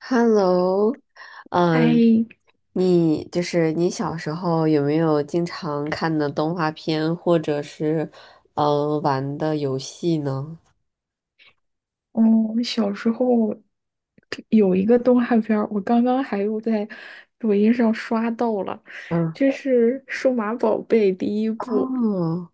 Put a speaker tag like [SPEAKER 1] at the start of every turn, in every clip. [SPEAKER 1] Hello，嗯，
[SPEAKER 2] 哎，
[SPEAKER 1] 你就是你小时候有没有经常看的动画片，或者是玩的游戏呢？
[SPEAKER 2] 嗯，小时候有一个动画片儿，我刚刚还又在抖音上刷到了，
[SPEAKER 1] 嗯，
[SPEAKER 2] 就是《数码宝贝》第一部，
[SPEAKER 1] 哦，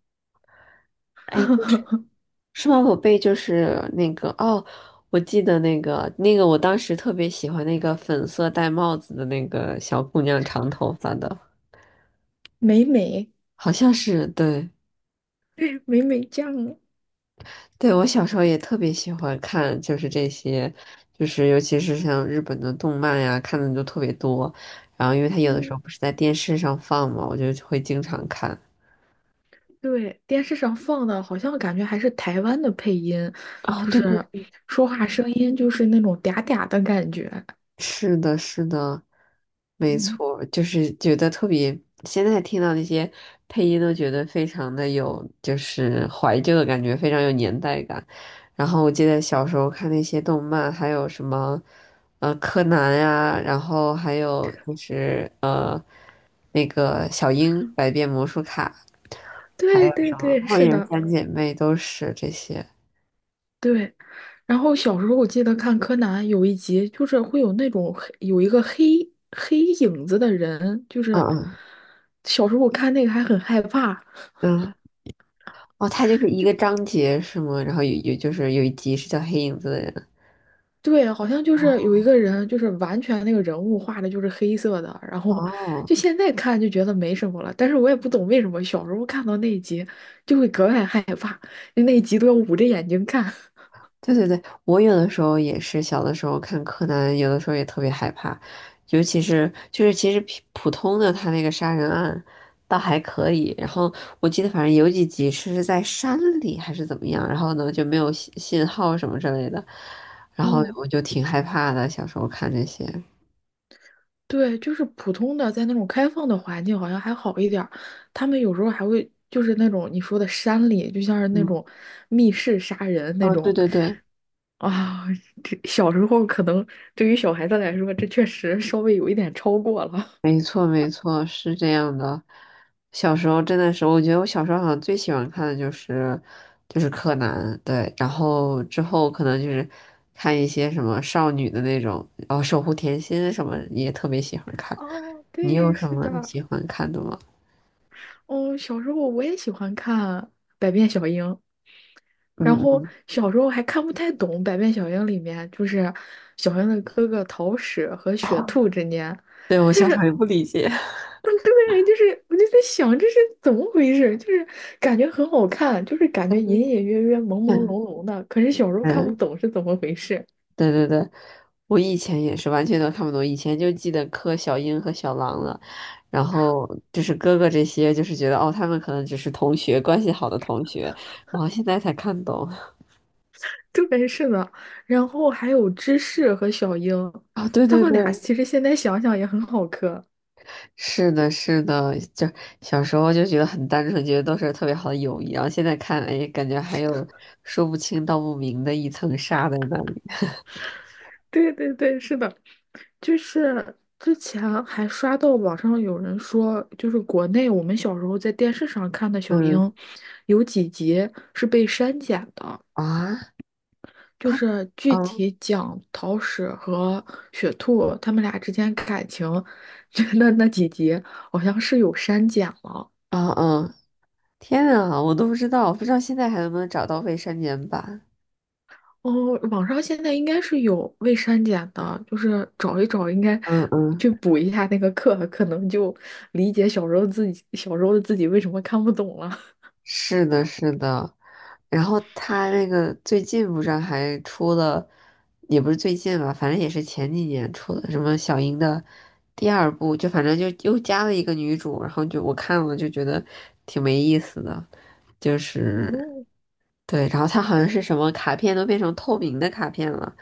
[SPEAKER 1] 哎，数码宝贝就是那个哦，我记得那个，我当时特别喜欢那个粉色戴帽子的那个小姑娘，长头发的，
[SPEAKER 2] 美美，
[SPEAKER 1] 好像是对。
[SPEAKER 2] 美美酱，
[SPEAKER 1] 对，我小时候也特别喜欢看，就是这些，就是尤其是像日本的动漫呀，看的就特别多。然后，因为它有的时候
[SPEAKER 2] 嗯，
[SPEAKER 1] 不是在电视上放嘛，我就会经常看。
[SPEAKER 2] 对，电视上放的，好像感觉还是台湾的配音，
[SPEAKER 1] 啊、
[SPEAKER 2] 就
[SPEAKER 1] 对对，
[SPEAKER 2] 是说话声音就是那种嗲嗲的感觉，
[SPEAKER 1] 是的，是的，没
[SPEAKER 2] 嗯，
[SPEAKER 1] 错，就是觉得特别，现在听到那些配音都觉得非常的有，就是怀旧的感觉，非常有年代感。然后我记得小时候看那些动漫，还有什么，柯南呀、然后还有就是那个小樱、百变魔术卡，还有
[SPEAKER 2] 对对
[SPEAKER 1] 什么
[SPEAKER 2] 对，
[SPEAKER 1] 《火
[SPEAKER 2] 是
[SPEAKER 1] 影
[SPEAKER 2] 的，
[SPEAKER 1] 三姐妹》都是这些。
[SPEAKER 2] 对，然后小时候我记得看柯南有一集，就是会有那种有一个黑黑影子的人，就是
[SPEAKER 1] 嗯
[SPEAKER 2] 小时候我看那个还很害怕。
[SPEAKER 1] 嗯嗯，哦，它就是一个章节是吗？然后有就是有一集是叫黑影子的人。
[SPEAKER 2] 对，好像就是有一
[SPEAKER 1] 哦
[SPEAKER 2] 个人，就是完全那个人物画的就是黑色的，然后
[SPEAKER 1] 哦，
[SPEAKER 2] 就现在看就觉得没什么了，但是我也不懂为什么小时候看到那一集就会格外害怕，就那一集都要捂着眼睛看。
[SPEAKER 1] 对对对，我有的时候也是，小的时候看柯南，有的时候也特别害怕，尤其是就是其实普通的他那个杀人案倒还可以，然后我记得反正有几集是在山里还是怎么样，然后呢就没有信号什么之类的，然后
[SPEAKER 2] 哦，
[SPEAKER 1] 我就挺害怕的，小时候看这些。
[SPEAKER 2] 对，就是普通的，在那种开放的环境好像还好一点儿，他们有时候还会就是那种你说的山里，就像是那
[SPEAKER 1] 嗯，
[SPEAKER 2] 种密室杀人那
[SPEAKER 1] 哦，对
[SPEAKER 2] 种
[SPEAKER 1] 对对，
[SPEAKER 2] 啊，这小时候可能对于小孩子来说，这确实稍微有一点超过了。
[SPEAKER 1] 没错，没错，是这样的。小时候真的是，我觉得我小时候好像最喜欢看的就是柯南，对，然后之后可能就是看一些什么少女的那种，然后守护甜心什么也特别喜欢 看。
[SPEAKER 2] 哦，
[SPEAKER 1] 你有
[SPEAKER 2] 对，
[SPEAKER 1] 什
[SPEAKER 2] 是
[SPEAKER 1] 么
[SPEAKER 2] 的，
[SPEAKER 1] 喜欢看的吗？
[SPEAKER 2] 哦，小时候我也喜欢看《百变小樱》，然
[SPEAKER 1] 嗯，
[SPEAKER 2] 后
[SPEAKER 1] 嗯，
[SPEAKER 2] 小时候还看不太懂《百变小樱》里面，就是小樱的哥哥桃矢和
[SPEAKER 1] 哦，
[SPEAKER 2] 雪兔之间，
[SPEAKER 1] 对，我
[SPEAKER 2] 就
[SPEAKER 1] 小时候
[SPEAKER 2] 是
[SPEAKER 1] 也不理解，
[SPEAKER 2] 嗯对，就是我就在想这是怎么回事，就是感觉很好看，就是感觉隐隐约约、朦朦 胧胧的，可是小时候看不
[SPEAKER 1] 嗯。
[SPEAKER 2] 懂是怎么回事。
[SPEAKER 1] 对对对，我以前也是完全都看不懂，以前就记得柯小英和小狼了，然后就是哥哥这些，就是觉得哦，他们可能只是同学，关系好的同学，然后现在才看懂。
[SPEAKER 2] 对，是的，然后还有芝士和小樱，
[SPEAKER 1] 啊、对
[SPEAKER 2] 他
[SPEAKER 1] 对
[SPEAKER 2] 们俩
[SPEAKER 1] 对，
[SPEAKER 2] 其实现在想想也很好磕。
[SPEAKER 1] 是的，是的，就小时候就觉得很单纯，觉得都是特别好的友谊，然后现在看，哎，感觉还有说不清道不明的一层纱在那里。
[SPEAKER 2] 对对对，是的，就是之前还刷到网上有人说，就是国内我们小时候在电视上看的小
[SPEAKER 1] 嗯
[SPEAKER 2] 樱，有几集是被删减的，
[SPEAKER 1] 啊，
[SPEAKER 2] 就
[SPEAKER 1] 他，
[SPEAKER 2] 是具
[SPEAKER 1] 嗯
[SPEAKER 2] 体讲桃矢和雪兔他们俩之间感情，觉那那几集好像是有删减了。
[SPEAKER 1] 啊嗯，天啊，我都不知道，不知道现在还能不能找到未删减版。
[SPEAKER 2] 哦，网上现在应该是有未删减的，就是找一找，应该
[SPEAKER 1] 嗯嗯，
[SPEAKER 2] 去补一下那个课，可能就理解小时候自己小时候的自己为什么看不懂了。
[SPEAKER 1] 是的，是的。然后他那个最近不是还出了，也不是最近吧，反正也是前几年出的什么小樱的第二部，就反正就又加了一个女主，然后就我看了就觉得挺没意思的，就是
[SPEAKER 2] 哦
[SPEAKER 1] 对，然后他好像是什么卡片都变成透明的卡片了，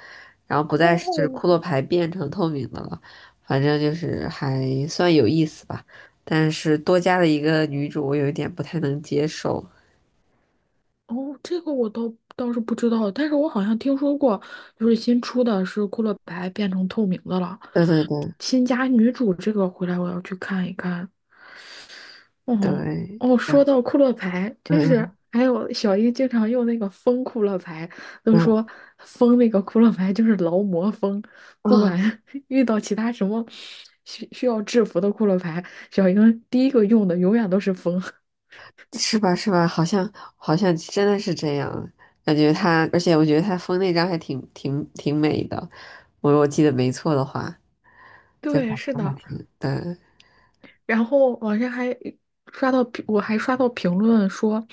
[SPEAKER 1] 然后不再是就是骷
[SPEAKER 2] 哦
[SPEAKER 1] 髅牌变成透明的了，反正就是还算有意思吧。但是多加了一个女主，我有一点不太能接受。
[SPEAKER 2] 哦，这个我倒是不知道，但是我好像听说过，就是新出的是《库洛白》变成透明的了，
[SPEAKER 1] 对对对
[SPEAKER 2] 新加女主这个回来我要去看一看，哦
[SPEAKER 1] 对，
[SPEAKER 2] 哦，
[SPEAKER 1] 然
[SPEAKER 2] 说
[SPEAKER 1] 后
[SPEAKER 2] 到库洛牌，就是
[SPEAKER 1] 嗯
[SPEAKER 2] 还有小英经常用那个风库洛牌，都
[SPEAKER 1] 嗯
[SPEAKER 2] 说风那个库洛牌就是劳模风，不管
[SPEAKER 1] 啊，
[SPEAKER 2] 遇到其他什么需要制服的库洛牌，小英第一个用的永远都是风。
[SPEAKER 1] 是吧是吧？好像好像真的是这样，感觉他，而且我觉得他封那张还挺美的，我记得没错的话，就反
[SPEAKER 2] 对，是
[SPEAKER 1] 正还
[SPEAKER 2] 的。
[SPEAKER 1] 挺对。
[SPEAKER 2] 然后网上还刷到评我还刷到评论说，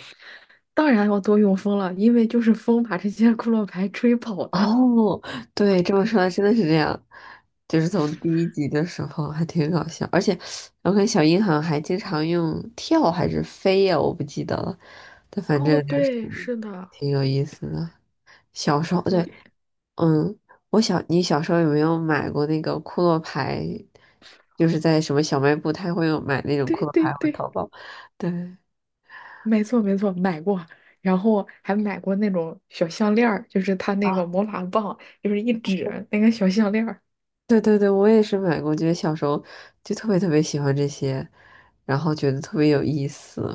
[SPEAKER 2] 当然要多用风了，因为就是风把这些库洛牌吹跑的。
[SPEAKER 1] 哦，对，这么说来真的是这样，就是从第一集的时候还挺搞笑，而且我看小樱好像还经常用跳还是飞呀，我不记得了，但 反正
[SPEAKER 2] 哦，
[SPEAKER 1] 就是
[SPEAKER 2] 对，是的，
[SPEAKER 1] 挺有意思的。小时候，对，
[SPEAKER 2] 对，
[SPEAKER 1] 嗯，我小，你小时候有没有买过那个库洛牌？就是在什么小卖部，他会有买那种库
[SPEAKER 2] 对
[SPEAKER 1] 洛
[SPEAKER 2] 对
[SPEAKER 1] 牌或者
[SPEAKER 2] 对。
[SPEAKER 1] 淘宝。对
[SPEAKER 2] 没错没错，买过，然后还买过那种小项链儿，就是它那个
[SPEAKER 1] 啊，
[SPEAKER 2] 魔法棒，就是一指那个小项链儿。
[SPEAKER 1] 对对对，我也是买过，觉得小时候就特别特别喜欢这些，然后觉得特别有意思。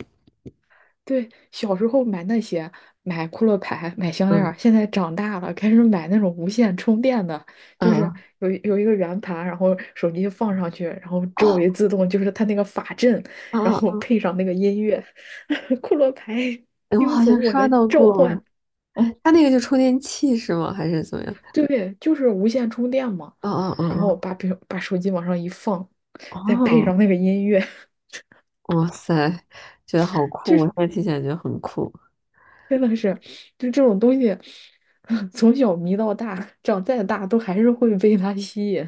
[SPEAKER 2] 对，小时候买那些，买骷髅牌，买项链
[SPEAKER 1] 嗯
[SPEAKER 2] 儿，现在长大了开始买那种无线充电的，就是
[SPEAKER 1] 嗯
[SPEAKER 2] 有一个圆盘，然后手机放上去，然后周
[SPEAKER 1] 哦
[SPEAKER 2] 围自动就是它那个法阵，然后
[SPEAKER 1] 啊，
[SPEAKER 2] 配上那个音乐，骷髅牌
[SPEAKER 1] 哎我
[SPEAKER 2] 听
[SPEAKER 1] 好
[SPEAKER 2] 从
[SPEAKER 1] 像
[SPEAKER 2] 我
[SPEAKER 1] 刷
[SPEAKER 2] 的
[SPEAKER 1] 到
[SPEAKER 2] 召
[SPEAKER 1] 过，
[SPEAKER 2] 唤。哦。
[SPEAKER 1] 他那个就充电器是吗？还是怎么样？
[SPEAKER 2] 对，就是无线充电嘛。
[SPEAKER 1] 哦哦
[SPEAKER 2] 然后
[SPEAKER 1] 哦
[SPEAKER 2] 把手机往上一放，
[SPEAKER 1] 哦
[SPEAKER 2] 再配
[SPEAKER 1] 哦，
[SPEAKER 2] 上那个音乐，
[SPEAKER 1] 哇塞，觉得好 酷！
[SPEAKER 2] 就
[SPEAKER 1] 我
[SPEAKER 2] 是
[SPEAKER 1] 现在听起来觉得很酷。
[SPEAKER 2] 真的是，就这种东西，从小迷到大，长再大都还是会被它吸引。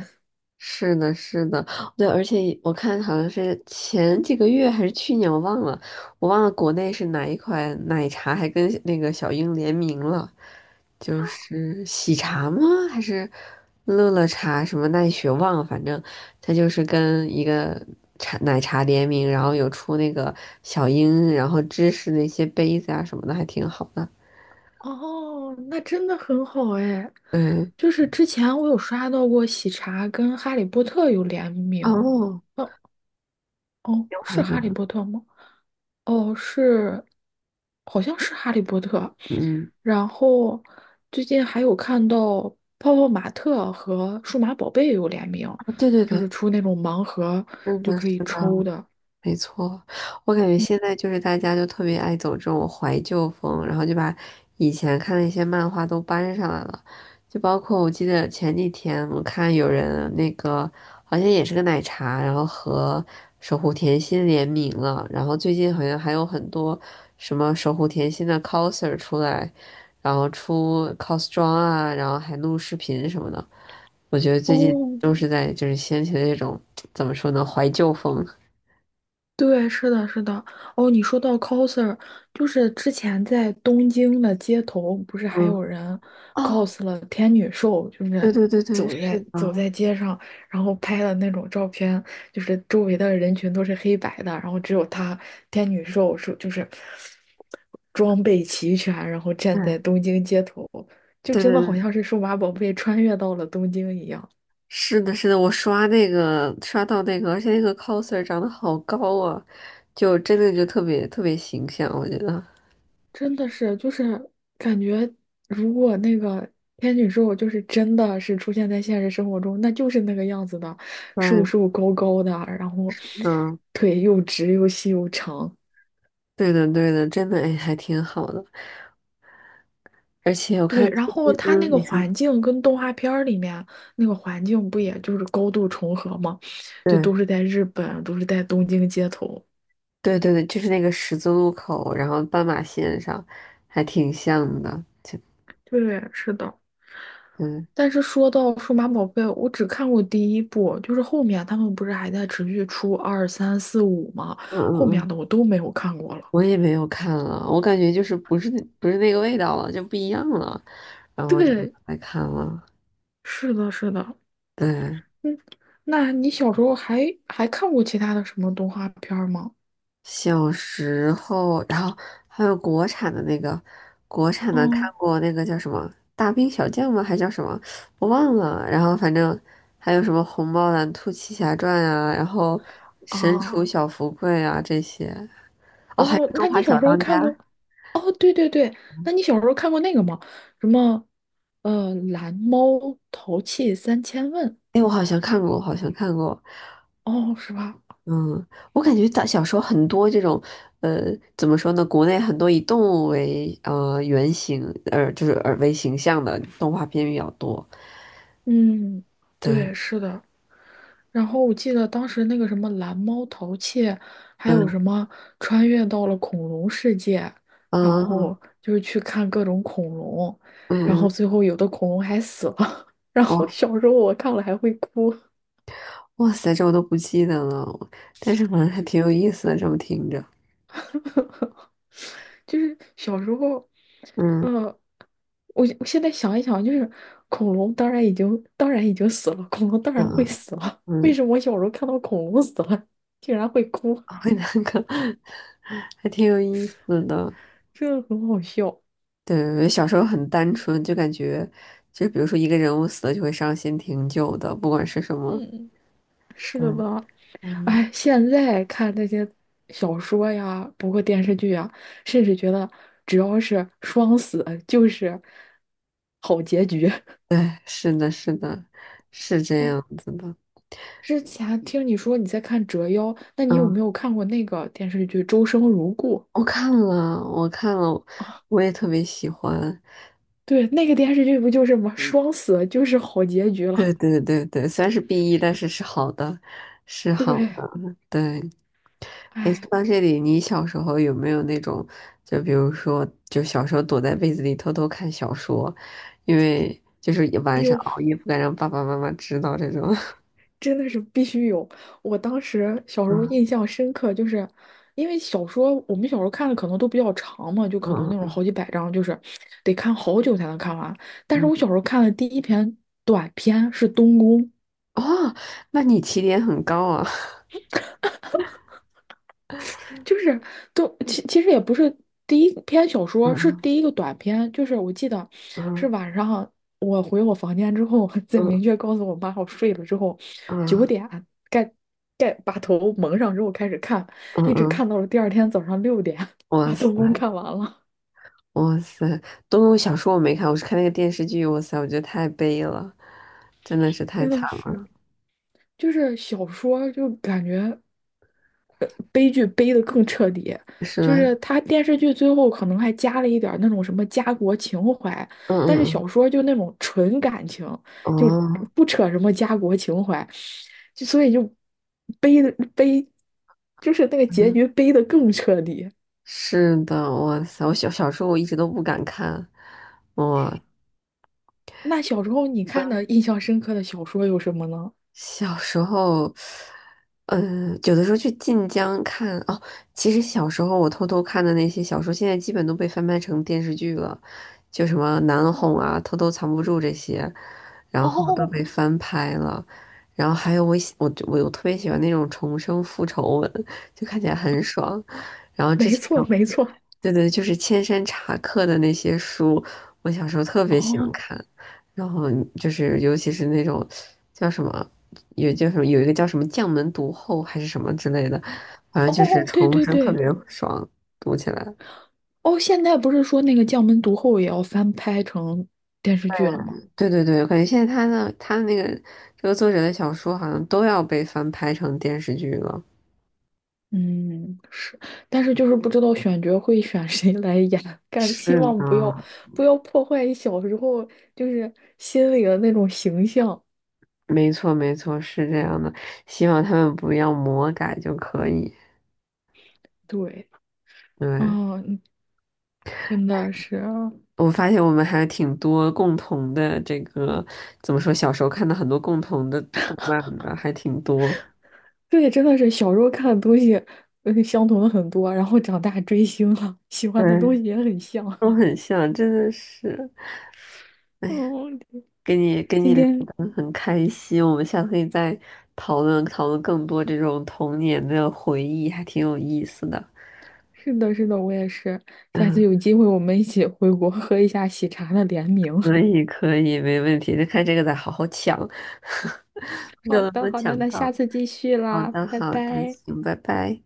[SPEAKER 1] 是的，是的，对，而且我看好像是前几个月还是去年，我忘了，我忘了国内是哪一款奶茶还跟那个小鹰联名了，就是喜茶吗？还是乐乐茶什么奈雪忘了，反正它就是跟一个茶奶茶联名，然后有出那个小鹰，然后芝士那些杯子啊什么的，还挺好的。
[SPEAKER 2] 哦，那真的很好哎。
[SPEAKER 1] 对，
[SPEAKER 2] 就是之前我有刷到过喜茶跟哈利波特有联名，
[SPEAKER 1] 哦，
[SPEAKER 2] 哦哦，
[SPEAKER 1] 有好
[SPEAKER 2] 是哈利
[SPEAKER 1] 像，
[SPEAKER 2] 波特吗？哦，是，好像是《哈利波特》，
[SPEAKER 1] 嗯，
[SPEAKER 2] 然后最近还有看到泡泡玛特和数码宝贝有联名，
[SPEAKER 1] 啊对对
[SPEAKER 2] 就
[SPEAKER 1] 对，
[SPEAKER 2] 是出那种盲盒
[SPEAKER 1] 是
[SPEAKER 2] 就
[SPEAKER 1] 的，是
[SPEAKER 2] 可以
[SPEAKER 1] 的。
[SPEAKER 2] 抽的。
[SPEAKER 1] 没错，我感觉
[SPEAKER 2] 嗯
[SPEAKER 1] 现在就是大家就特别爱走这种怀旧风，然后就把以前看的一些漫画都搬上来了，就包括我记得前几天我看有人那个好像也是个奶茶，然后和守护甜心联名了，然后最近好像还有很多什么守护甜心的 coser 出来，然后出 cos 装啊，然后还录视频什么的，我觉得最近
[SPEAKER 2] 哦，
[SPEAKER 1] 都是在就是掀起了这种 怎么说呢怀旧风，
[SPEAKER 2] 对，是的，是的。哦，你说到 coser,就是之前在东京的街头，不是还
[SPEAKER 1] 嗯。
[SPEAKER 2] 有人
[SPEAKER 1] 哦。
[SPEAKER 2] cos 了天女兽，就
[SPEAKER 1] 对
[SPEAKER 2] 是
[SPEAKER 1] 对对对，
[SPEAKER 2] 走
[SPEAKER 1] 是
[SPEAKER 2] 在
[SPEAKER 1] 的，
[SPEAKER 2] 走在街上，然后拍的那种照片，就是周围的人群都是黑白的，然后只有他天女兽是就是装备齐全，然后站在
[SPEAKER 1] 嗯，
[SPEAKER 2] 东京街头，就
[SPEAKER 1] 对对
[SPEAKER 2] 真的好
[SPEAKER 1] 对，
[SPEAKER 2] 像是数码宝贝穿越到了东京一样。
[SPEAKER 1] 是的，是的，我刷那个刷到那个，而且那个 coser 长得好高啊，就真的就特别特别形象，我觉得。
[SPEAKER 2] 真的是，就是感觉，如果那个天女兽就是真的是出现在现实生活中，那就是那个样子的，瘦
[SPEAKER 1] 嗯
[SPEAKER 2] 瘦高高的，然后
[SPEAKER 1] 嗯，
[SPEAKER 2] 腿又直又细又长。
[SPEAKER 1] 对的对的，真的哎，还挺好的。而且我
[SPEAKER 2] 对，
[SPEAKER 1] 看
[SPEAKER 2] 然
[SPEAKER 1] 最
[SPEAKER 2] 后
[SPEAKER 1] 近，
[SPEAKER 2] 它那
[SPEAKER 1] 嗯，
[SPEAKER 2] 个
[SPEAKER 1] 你说，
[SPEAKER 2] 环境跟动画片儿里面那个环境不也就是高度重合吗？就都
[SPEAKER 1] 对
[SPEAKER 2] 是在日本，都是在东京街头。
[SPEAKER 1] 对对对，就是那个十字路口，然后斑马线上，还挺像的。
[SPEAKER 2] 对，是的。
[SPEAKER 1] 嗯
[SPEAKER 2] 但是说到数码宝贝，我只看过第一部，就是后面他们不是还在持续出二三四五吗？
[SPEAKER 1] 嗯
[SPEAKER 2] 后
[SPEAKER 1] 嗯
[SPEAKER 2] 面
[SPEAKER 1] 嗯，
[SPEAKER 2] 的我都没有看过了。
[SPEAKER 1] 我也没有看了，我感觉就是不是那个味道了，就不一样了，然后我就不
[SPEAKER 2] 对，
[SPEAKER 1] 来看了。
[SPEAKER 2] 是的，是的，
[SPEAKER 1] 嗯，
[SPEAKER 2] 嗯，那你小时候还看过其他的什么动画片儿吗？
[SPEAKER 1] 小时候，然后还有国产的那个，国产的看
[SPEAKER 2] 哦
[SPEAKER 1] 过那个叫什么《大兵小将》吗？还叫什么？我忘了。然后反正还有什么《虹猫蓝兔七侠传》啊，然后《神厨
[SPEAKER 2] 啊
[SPEAKER 1] 小福贵》啊这些。哦，还有
[SPEAKER 2] 哦，
[SPEAKER 1] 《中
[SPEAKER 2] 那你
[SPEAKER 1] 华
[SPEAKER 2] 小
[SPEAKER 1] 小
[SPEAKER 2] 时候
[SPEAKER 1] 当
[SPEAKER 2] 看
[SPEAKER 1] 家》。
[SPEAKER 2] 过？哦，对对对，那你小时候看过那个吗？什么蓝猫淘气三千问？
[SPEAKER 1] 哎，我好像看过，我好像看过。
[SPEAKER 2] 哦，是吧？
[SPEAKER 1] 嗯，我感觉大小时候很多这种，呃，怎么说呢？国内很多以动物为原型，就是为形象的动画片比较多。
[SPEAKER 2] 嗯，
[SPEAKER 1] 对，
[SPEAKER 2] 对，是的。然后我记得当时那个什么蓝猫淘气，还有
[SPEAKER 1] 嗯
[SPEAKER 2] 什么穿越到了恐龙世界，然
[SPEAKER 1] 嗯嗯，
[SPEAKER 2] 后就是去看各种恐龙，然
[SPEAKER 1] 嗯
[SPEAKER 2] 后
[SPEAKER 1] 嗯
[SPEAKER 2] 最后有的恐龙还死了，然后
[SPEAKER 1] 哇
[SPEAKER 2] 小时候我看了还会哭，
[SPEAKER 1] 哇塞，这我都不记得了，但是好像还挺有意思的，这么听着，
[SPEAKER 2] 就是小时候，
[SPEAKER 1] 嗯
[SPEAKER 2] 嗯，我现在想一想，就是恐龙当然已经死了，恐龙当然会
[SPEAKER 1] 嗯
[SPEAKER 2] 死了，为
[SPEAKER 1] 嗯，
[SPEAKER 2] 什么我小时候看到恐龙死了，竟然会哭，
[SPEAKER 1] 会那个 还挺有意思的。
[SPEAKER 2] 真的很好笑，
[SPEAKER 1] 对，小时候很单纯，就感觉就比如说一个人物死了就会伤心挺久的，不管是什么，
[SPEAKER 2] 嗯。
[SPEAKER 1] 嗯嗯，
[SPEAKER 2] 哎，现在看那些小说呀，包括电视剧啊，甚至觉得只要是双死就是好结局。
[SPEAKER 1] 对，是的，是的，是这样
[SPEAKER 2] 哦
[SPEAKER 1] 子的。
[SPEAKER 2] 之前听你说你在看《折腰》，那你有
[SPEAKER 1] 嗯，
[SPEAKER 2] 没有看过那个电视剧《周生如故》？
[SPEAKER 1] 我看了，我看了，我也特别喜欢。
[SPEAKER 2] 对，那个电视剧不就是吗？嗯双死就是好结局
[SPEAKER 1] 对
[SPEAKER 2] 了。
[SPEAKER 1] 对对对，虽然是 BE，但是是好的，是
[SPEAKER 2] 对，
[SPEAKER 1] 好的。对，诶，说
[SPEAKER 2] 哎，
[SPEAKER 1] 到这里，你小时候有没有那种，就比如说，就小时候躲在被子里偷偷看小说，因为就是晚上
[SPEAKER 2] 有。
[SPEAKER 1] 熬夜不敢让爸爸妈妈知道这种。
[SPEAKER 2] 真的是必须有。我当时小时候
[SPEAKER 1] 嗯
[SPEAKER 2] 印象深刻，就是因为小说我们小时候看的可能都比较长嘛，就可能那种
[SPEAKER 1] 嗯
[SPEAKER 2] 好几百章，就是得看好久才能看完。但
[SPEAKER 1] 嗯
[SPEAKER 2] 是
[SPEAKER 1] 嗯，
[SPEAKER 2] 我小时候看的第一篇短篇是《东宫》，
[SPEAKER 1] 哦，那你起点很高啊。
[SPEAKER 2] 就是都其实也不是第一篇小说，是
[SPEAKER 1] 嗯
[SPEAKER 2] 第一个短篇。就是我记得是
[SPEAKER 1] 嗯
[SPEAKER 2] 晚上我回我房间之后，再
[SPEAKER 1] 嗯
[SPEAKER 2] 明确告诉我妈我睡了之后，九
[SPEAKER 1] 嗯
[SPEAKER 2] 点盖盖把头蒙上之后开始看，
[SPEAKER 1] 嗯
[SPEAKER 2] 一直
[SPEAKER 1] 嗯，
[SPEAKER 2] 看到了第二天早上6点，
[SPEAKER 1] 哇
[SPEAKER 2] 把东宫
[SPEAKER 1] 塞
[SPEAKER 2] 看完了。
[SPEAKER 1] 哇塞，东小说我没看，我是看那个电视剧，哇塞，我觉得太悲了，真的是太
[SPEAKER 2] 真
[SPEAKER 1] 惨。
[SPEAKER 2] 的是，就是小说就感觉悲剧悲的更彻底。
[SPEAKER 1] 是
[SPEAKER 2] 就是
[SPEAKER 1] 吧？
[SPEAKER 2] 他电视剧最后可能还加了一点儿那种什么家国情怀，
[SPEAKER 1] 嗯
[SPEAKER 2] 但是小
[SPEAKER 1] 嗯
[SPEAKER 2] 说就那种纯感情，
[SPEAKER 1] 嗯，
[SPEAKER 2] 就
[SPEAKER 1] 哦，
[SPEAKER 2] 不扯什么家国情怀，就所以就悲的悲，就是那个结
[SPEAKER 1] 嗯，
[SPEAKER 2] 局悲的更彻底。
[SPEAKER 1] 是的，哇塞，我小时候我一直都不敢看，我。
[SPEAKER 2] 那小时候你看的印象深刻的小说有什么呢？
[SPEAKER 1] 小时候，嗯，有的时候去晋江看哦。其实小时候我偷偷看的那些小说，现在基本都被翻拍成电视剧了，就什么《难哄》啊，《偷偷藏不住》这些，然后都
[SPEAKER 2] 哦
[SPEAKER 1] 被翻拍了。然后还有我特别喜欢那种重生复仇文，就看起来很爽。然后 之
[SPEAKER 2] 没
[SPEAKER 1] 前
[SPEAKER 2] 错，
[SPEAKER 1] 有
[SPEAKER 2] 没错。
[SPEAKER 1] 对对，就是千山茶客的那些书，我小时候特别喜欢
[SPEAKER 2] 哦
[SPEAKER 1] 看。然后就是尤其是那种叫什么，有叫什么，有一个叫什么将门毒后还是什么之类的，反正就是
[SPEAKER 2] 哦，对
[SPEAKER 1] 重
[SPEAKER 2] 对
[SPEAKER 1] 生特
[SPEAKER 2] 对，
[SPEAKER 1] 别爽，读起来。
[SPEAKER 2] 哦，现在不是说那个《将门毒后》也要翻拍成电视剧了吗？
[SPEAKER 1] 对对对，我感觉现在他的那个这个作者的小说好像都要被翻拍成电视剧了。
[SPEAKER 2] 嗯，是，但是就是不知道选角会选谁来演，感希
[SPEAKER 1] 是
[SPEAKER 2] 望不要
[SPEAKER 1] 呢，
[SPEAKER 2] 不要破坏小时候就是心里的那种形象。
[SPEAKER 1] 没错没错，是这样的。希望他们不要魔改就可以。
[SPEAKER 2] 对，啊，
[SPEAKER 1] 对，
[SPEAKER 2] 嗯真的是啊，
[SPEAKER 1] 我发现我们还挺多共同的这个，怎么说，小时候看的很多共同的动漫的，还挺多。
[SPEAKER 2] 对，真的是小时候看的东西，相同的很多，然后长大追星了，喜欢的东
[SPEAKER 1] 嗯，
[SPEAKER 2] 西也很像。
[SPEAKER 1] 都很像，真的是，哎呀，
[SPEAKER 2] 嗯，
[SPEAKER 1] 跟你
[SPEAKER 2] 今
[SPEAKER 1] 聊
[SPEAKER 2] 天
[SPEAKER 1] 得很开心，我们下次可以再讨论讨论更多这种童年的回忆，还挺有意思的。
[SPEAKER 2] 是的，是的，我也是。下次
[SPEAKER 1] 嗯，
[SPEAKER 2] 有机会我们一起回国喝一下喜茶的联名。
[SPEAKER 1] 可以可以，没问题，就看这个再好好抢，不知道
[SPEAKER 2] 好
[SPEAKER 1] 能不
[SPEAKER 2] 的，
[SPEAKER 1] 能
[SPEAKER 2] 好的，
[SPEAKER 1] 抢
[SPEAKER 2] 那下
[SPEAKER 1] 到。
[SPEAKER 2] 次继续
[SPEAKER 1] 好
[SPEAKER 2] 啦，
[SPEAKER 1] 的
[SPEAKER 2] 拜
[SPEAKER 1] 好的，
[SPEAKER 2] 拜。
[SPEAKER 1] 行，拜拜。